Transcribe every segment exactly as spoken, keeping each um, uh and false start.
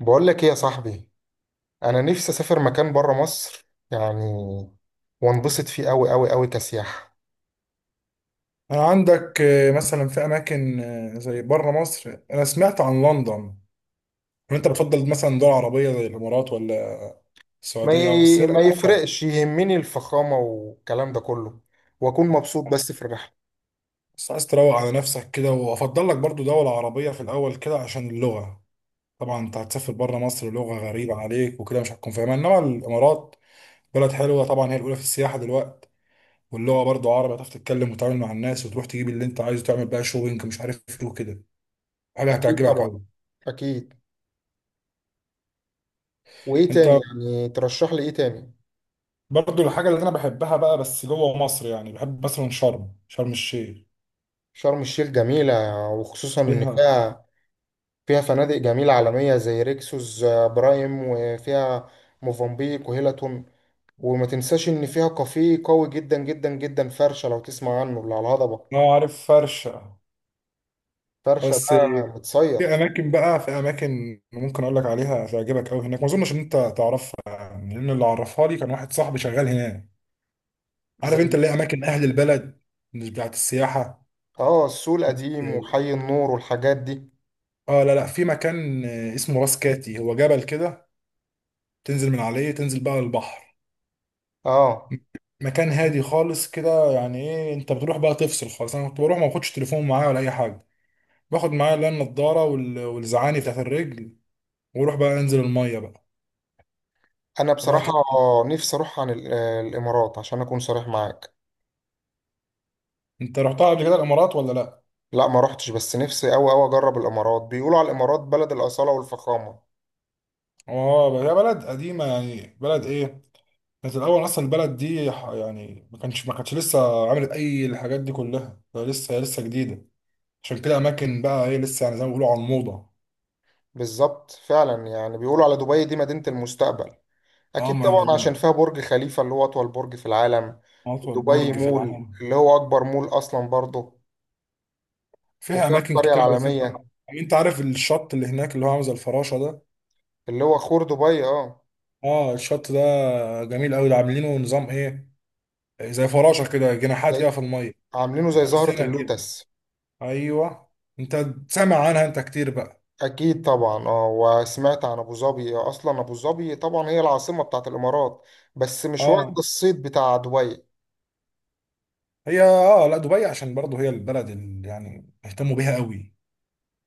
بقول لك ايه يا صاحبي. انا نفسي اسافر مكان بره مصر، يعني وانبسط فيه قوي قوي قوي كسياحة. عندك آه، مثلا في اماكن آه، زي بره مصر، انا سمعت عن لندن. وانت بتفضل مثلا دول عربيه زي الامارات ولا ما السعوديه، أو بس هي ي... ما الامارات؟ يفرقش، يهمني الفخامة والكلام ده كله، واكون مبسوط بس في الرحلة. بس عايز تروق على نفسك كده، وافضل لك برضو دوله عربيه في الاول كده عشان اللغه. طبعا انت هتسافر بره مصر لغه غريبه عليك وكده مش هتكون فاهمها، انما الامارات بلد حلوه طبعا، هي الاولى في السياحه دلوقتي، واللغه برضو عربي هتعرف تتكلم وتتعامل مع الناس، وتروح تجيب اللي انت عايزه، تعمل بقى شوبينج مش عارف ايه وكده. حاجه اكيد هتعجبك طبعا قوي. اكيد. وايه انت تاني يعني؟ ترشح لي ايه تاني؟ برضو الحاجة اللي أنا بحبها بقى، بس جوه مصر، يعني بحب مثلا شرم شرم الشيخ. شرم الشيخ جميلة، وخصوصا ان فيها فيها فيها فنادق جميلة عالمية زي ريكسوس، آه، برايم، وفيها موفنبيك وهيلتون. وما تنساش ان فيها كافيه قوي جدا جدا جدا، فرشه، لو تسمع عنه، اللي على الهضبه. أه، عارف فرشة. فرشه بس ده متصيد. في أماكن بقى، في أماكن ممكن أقول لك عليها تعجبك أوي هناك، ما أظنش إن أنت تعرفها يعني، لأن اللي عرفها لي كان واحد صاحبي شغال هناك. عارف زي أنت اللي هي أماكن أهل البلد، مش بتاعت السياحة. اه السوق القديم وحي النور والحاجات دي. أه لا لا، في مكان اسمه راس كاتي، هو جبل كده تنزل من عليه، تنزل بقى البحر. اه، مكان هادي خالص كده، يعني ايه انت بتروح بقى تفصل خالص. انا كنت بروح ما باخدش تليفون معايا ولا اي حاجه، باخد معايا اللي هي النضاره وال- والزعاني بتاعت الرجل، واروح بقى انزل الميه بقى. انا بقى بصراحه ت- نفسي اروح عن ال- آه، الامارات عشان اكون صريح معاك. انت رحتها قبل كده الامارات ولا لا؟ لا ما رحتش، بس نفسي قوي قوي اجرب الامارات. بيقولوا على الامارات بلد الاصاله والفخامه. اه بقى- هي بلد قديمه يعني، بلد ايه، كانت الاول اصلا البلد دي ح- يعني ما كانش ما كانتش لسه عملت اي الحاجات دي كلها، هي لسه هي لسه جديده. عشان كده اماكن بقى ايه، لسه يعني زي ما بيقولوا على الموضه. بالظبط فعلا، يعني بيقولوا على دبي دي مدينه المستقبل. اه أكيد ما طبعا، عشان أنا- فيها برج خليفة اللي هو أطول برج في العالم. اطول دبي برج في مول العالم. اللي هو أكبر مول أصلا برضه. فيها وفيها اماكن القرية كتير على فكره، العالمية، يعني انت عارف الشط اللي هناك اللي هو عامل زي الفراشه ده؟ اللي هو خور دبي، اه. اه الشط ده جميل قوي، ده عاملينه نظام ايه، زي فراشه كده جناحات كده زي في الميه. عاملينه زي زهرة السنه كده، اللوتس. ايوه. انت سامع عنها انت كتير بقى. أكيد طبعا، اه. وسمعت عن أبو ظبي، آه، أصلا أبو ظبي طبعا هي العاصمة بتاعت الإمارات، بس مش واخدة اه الصيت بتاع دبي. هي، اه لا، دبي عشان برضه هي البلد اللي يعني اهتموا بيها قوي،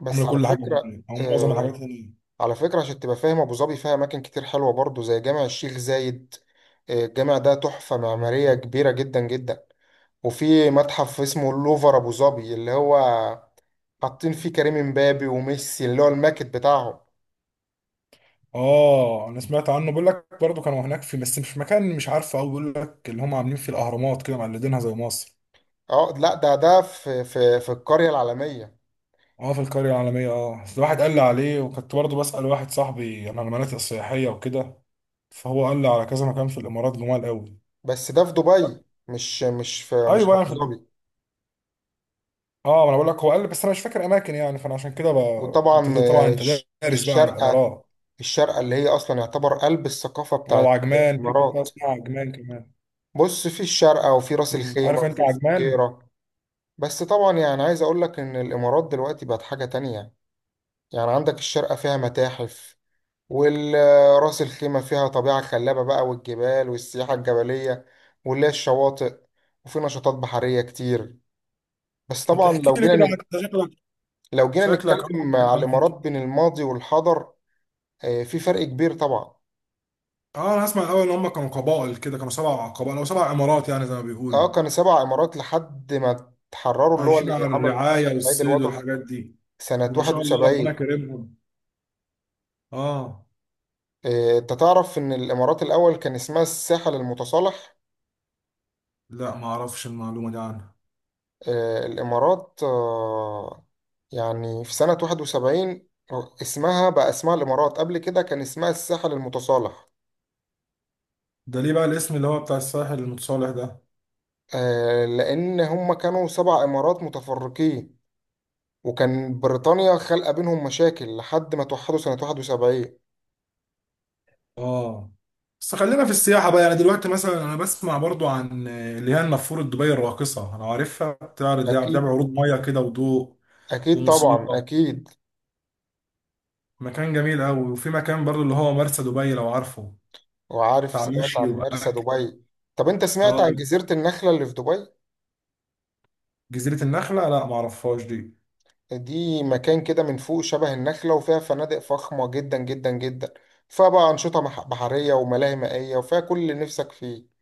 بس عامله على كل حاجه فكرة، هناك، او معظم الحاجات آه هناك. على فكرة عشان تبقى فاهم، أبو ظبي فيها أماكن كتير حلوة برضه زي جامع الشيخ زايد. آه، الجامع ده تحفة معمارية كبيرة جدا جدا. وفي متحف اسمه اللوفر ابو ظبي، اللي هو حاطين فيه كريم امبابي وميسي، اللي هو الماكت بتاعهم. اه انا سمعت عنه، بيقول لك برضه كانوا هناك في، بس مش في مكان مش عارفه قوي، بيقول لك اللي هم عاملين فيه الاهرامات كده مقلدينها زي مصر. اه لا، ده ده في في في القرية العالمية. اه في القرية العالمية، اه بس واحد قال لي عليه، وكنت برضه بسأل واحد صاحبي عن المناطق السياحية وكده، فهو قال لي على كذا مكان في الإمارات جمال قوي. بس ده في دبي، مش مش في مش ايوه في يعني ابو في الإم- ظبي. اه ما انا بقول لك هو قال لي، بس انا مش فاكر اماكن يعني، فانا عشان كده ب... انت وطبعا ت- طبعا آه، انت الش- دارس بقى عن الشارقة الامارات. الشارقة اللي هي اصلا يعتبر قلب الثقافة اه، بتاعت وعجمان، في منطقه الامارات. اسمها عجمان كمان. بص، في الشارقة وفي راس مم. الخيمة عارف انت وفي عجمان. الفجيرة. بس طبعا، يعني عايز اقول لك ان الامارات دلوقتي بقت حاجة تانية. يعني عندك الشارقة فيها متاحف، والراس الخيمة فيها طبيعة خلابة بقى، والجبال والسياحة الجبلية، واللي هي الشواطئ، وفي نشاطات بحرية كتير. بس ما طبعا تحكي لو لي جينا كده عن، نك... أنت شكلك، لو جينا شكلك اه، عارف نتكلم على الأماكن الإمارات بين كتير. الماضي والحاضر، آه، في فرق كبير طبعا. اه انا اسمع الاول ان هم كانوا قبائل كده، كانوا سبع قبائل او سبع امارات يعني زي ما بيقولوا، اه، كان سبع إمارات لحد ما تحرروا، اللي هو عايشين اللي على عمل الرعايه العيد والصيد الوطني والحاجات دي. سنة ما شاء الله ربنا واحد وسبعين. كرمهم. اه آه، انت تعرف ان الامارات الاول كان اسمها الساحل المتصالح. لا ما اعرفش المعلومة دي عنها. آه، الإمارات آه، يعني في سنة واحد وسبعين اسمها بقى اسمها الإمارات، قبل كده كان اسمها الساحل المتصالح. ده ليه بقى الاسم اللي هو بتاع الساحل المتصالح ده؟ آه، لأن هم كانوا سبع إمارات متفرقين، وكان بريطانيا خلق بينهم مشاكل لحد ما توحدوا سنة واحد وسبعين. اه بس خلينا في السياحة بقى، يعني دلوقتي مثلا انا بسمع برضو عن اللي هي النافورة، دبي الراقصة، انا عارفها بتعرض يعني بتعمل أكيد عروض مية كده وضوء أكيد طبعا وموسيقى، أكيد. مكان جميل قوي. وفي مكان برضو اللي هو مرسى دبي لو عارفه، وعارف، بتاع سمعت مشي عن مرسى واكل. دبي. طب أنت سمعت عن اه جزيرة النخلة اللي في دبي؟ جزيرة النخلة لا ما اعرفهاش دي. دي مكان كده من فوق شبه النخلة، وفيها فنادق فخمة جدا جدا جدا، فيها بقى أنشطة مح- بحرية وملاهي مائية، وفيها كل اللي نفسك فيه.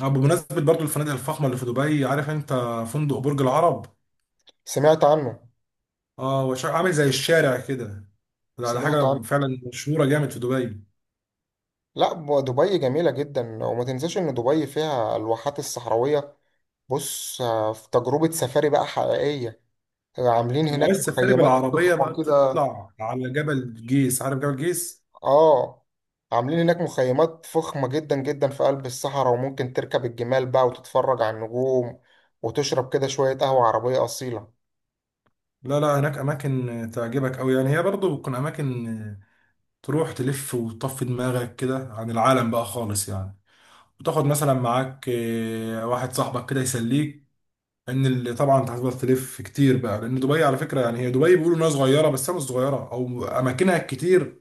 اه بمناسبة برضو الفنادق الفخمة اللي في دبي، عارف انت فندق برج العرب؟ سمعت عنه. اه هو شا- عامل زي الشارع كده، ده ده سمعت حاجه عنه. فعلا مشهوره جامد في دبي. لا، ب- دبي جميلة جدا، وما تنساش إن دبي فيها الواحات الصحراوية. بص، آه، في تجربة سفاري بقى حقيقية. عاملين لو هناك عايز تسافري مخيمات بالعربيه فخمة بقى كده. تطلع على جبل جيس، عارف جبل جيس؟ آه. عاملين هناك مخيمات فخمة جدا جدا في قلب الصحراء، وممكن تركب الجمال بقى وتتفرج على النجوم، وتشرب كده شوية قهوة عربية أصيلة. لا لا، هناك اماكن تعجبك قوي يعني، هي برضه بتكون اماكن آه، تروح تلف وتطفي دماغك كده عن العالم بقى خالص يعني، وتاخد مثلا معاك آه، واحد صاحبك كده يسليك. ان اللي طبعا انت هتفضل تلف كتير بقى، لان دبي على فكره يعني، هي دبي بيقولوا انها صغيره بس هي مش صغيره، او اماكنها كتير،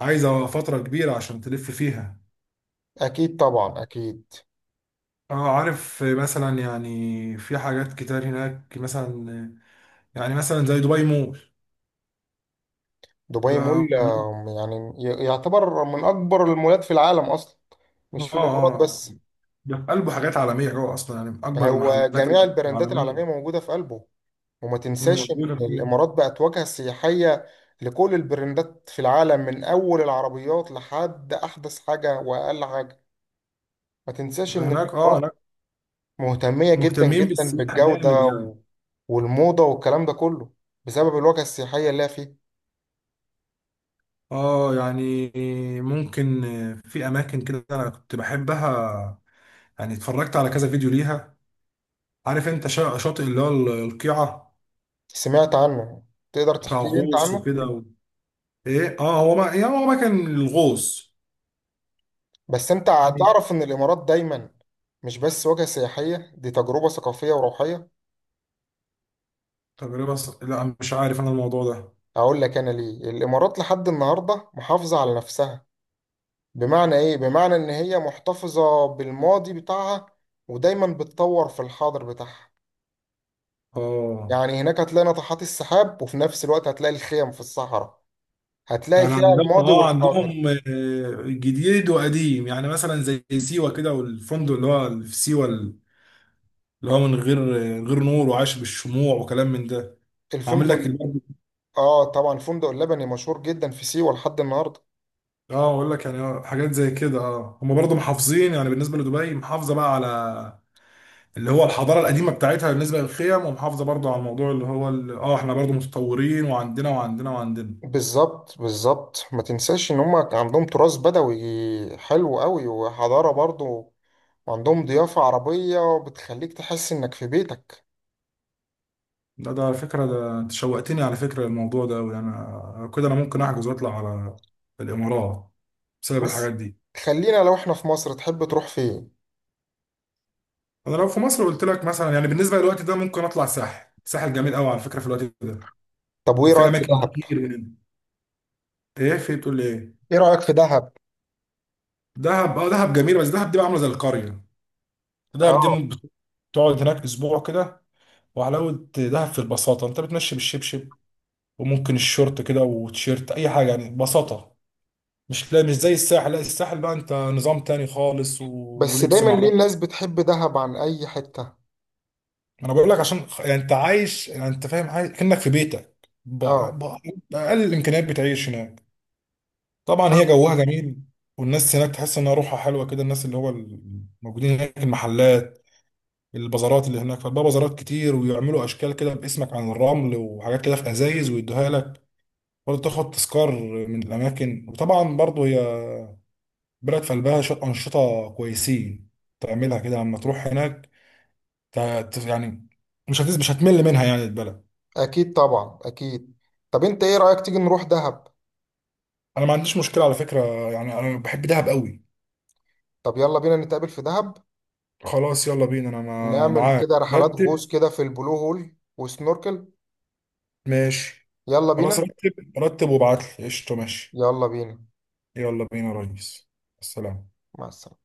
عايزه فتره كبيره عشان تلف فيها. أكيد طبعا أكيد. اه عارف مثلا، يعني في حاجات كتير هناك مثلا، يعني مثلا زي دبي مول. دبي ده مول، اه آه، يعني ي- يعتبر من أكبر المولات في العالم أصلا، مش في الإمارات اه بس. ده في قلبه حاجات عالمية جوه أصلا، يعني من أكبر هو المحلات جميع البراندات العالمية العالمية موجودة في قلبه. وما تنساش موجودة إن فيه. الإمارات بقت واجهة سياحية لكل البراندات في العالم، من أول العربيات لحد أحدث حاجة وأقل حاجة. ما تنساش إن هناك اه، الإمارات هناك مهتمية جدا مهتمين جدا بالسياحة جامد بالجودة يعني. و- والموضة والكلام ده كله بسبب الواجهة السياحية اللي هي فيه. اه يعني ممكن، في أماكن كده أنا كنت بحبها، يعني اتفرجت على كذا فيديو ليها. عارف أنت شا- شاطئ اللي هو القيعة، سمعت عنه. تقدر بتاع تحكي لي أنت غوص عنه؟ وكده. ايه اه، هو ما يعني هو ما كان الغوص بس انت يعني، هتعرف ان الامارات دايما مش بس وجهة سياحية، دي تجربة ثقافية وروحية. تجربة ص... لا مش عارف انا الموضوع ده. اقول لك انا ليه الامارات لحد النهاردة محافظة على نفسها. بمعنى ايه؟ بمعنى ان هي محتفظة بالماضي بتاعها، ودايما بتطور في الحاضر بتاعها. اه يعني هناك هتلاقي ناطحات السحاب، وفي نفس الوقت هتلاقي الخيم في الصحراء. هتلاقي يعني فيها عندهم، الماضي اه والحاضر. عندهم آه، جديد وقديم، يعني مثلا زي سيوة كده، والفندق اللي هو في سيوة اللي هو من غير، آه، غير نور وعايش بالشموع وكلام من ده، عامل الفندق لك ال- البرد- اه طبعا، الفندق اللبني مشهور جدا في سيوة لحد النهاردة. اه اقول لك يعني، آه، حاجات زي كده. اه هم برضه محافظين يعني، بالنسبة لدبي محافظة بقى على اللي هو الحضاره القديمه بتاعتها بالنسبه للخيم، ومحافظه برضو على الموضوع اللي هو ال- اه احنا برضو متطورين، وعندنا وعندنا وعندنا. بالظبط بالظبط، ما تنساش ان هم عندهم تراث بدوي حلو قوي وحضارة برضو. وعندهم ضيافة عربية بتخليك تحس انك في بيتك. ده ده على فكرة، ده انت شوقتني على فكرة الموضوع ده أوي، يعني أنا كده أنا ممكن أحجز وأطلع على الإمارات بسبب بس الحاجات دي. خلينا، لو احنا في مصر تحب تروح فين؟ أنا لو في مصر قلت لك مثلا، يعني بالنسبة للوقت ده ممكن أطلع الساحل، الساحل جميل أوي على فكرة في الوقت ده، طب وايه وفي رأيك في أماكن دهب؟ كتير هنا. إيه في إيه؟ بتقول لي إيه؟ ايه رأيك في دهب؟ دهب أه، دهب جميل، بس دهب دي بقى عاملة زي القرية. دهب دي اه. ممكن تقعد هناك أسبوع كده، وحلاوة دهب في البساطة، أنت بتمشي بالشبشب وممكن الشورت كده وتيشيرت أي حاجة، يعني بساطة. مش، لا مش زي الساحل، لا الساحل بقى انت نظام تاني خالص و... بس ولبس دايما ما ليه اعرفش. الناس بتحب دهب عن اي حتة؟ انا بقول لك عشان خ- يعني انت عايش، يعني انت فاهم عايش كأنك في بيتك ب... اه، ب... بأقل الامكانيات بتعيش هناك. طبعا هي دهب. جوها جميل، والناس هناك تحس انها روحها حلوه كده، الناس اللي هو الموجودين هناك، المحلات، البازارات اللي هناك، فبقى بازارات كتير ويعملوا اشكال كده باسمك عن الرمل وحاجات كده في ازايز ويدوها لك برضه، تاخد تذكار من الاماكن. وطبعا برضه هي بلد في قلبها شويه انشطه كويسين تعملها كده لما تروح هناك، ت- ت- يعني مش هتز مش هتمل منها يعني البلد. اكيد طبعا اكيد. طب انت ايه رأيك تيجي نروح دهب؟ انا ما عنديش مشكله على فكره، يعني انا بحب دهب قوي. طب يلا بينا نتقابل في دهب، خلاص يلا بينا، انا ما- ونعمل معاك، كده رحلات غوص رتب. كده في البلو هول وسنوركل. ماشي يلا خلاص، بينا. رتب رتب وابعت لي قشطه. ماشي يلا بينا. يلا بينا يا ريس. السلام. مع السلامة.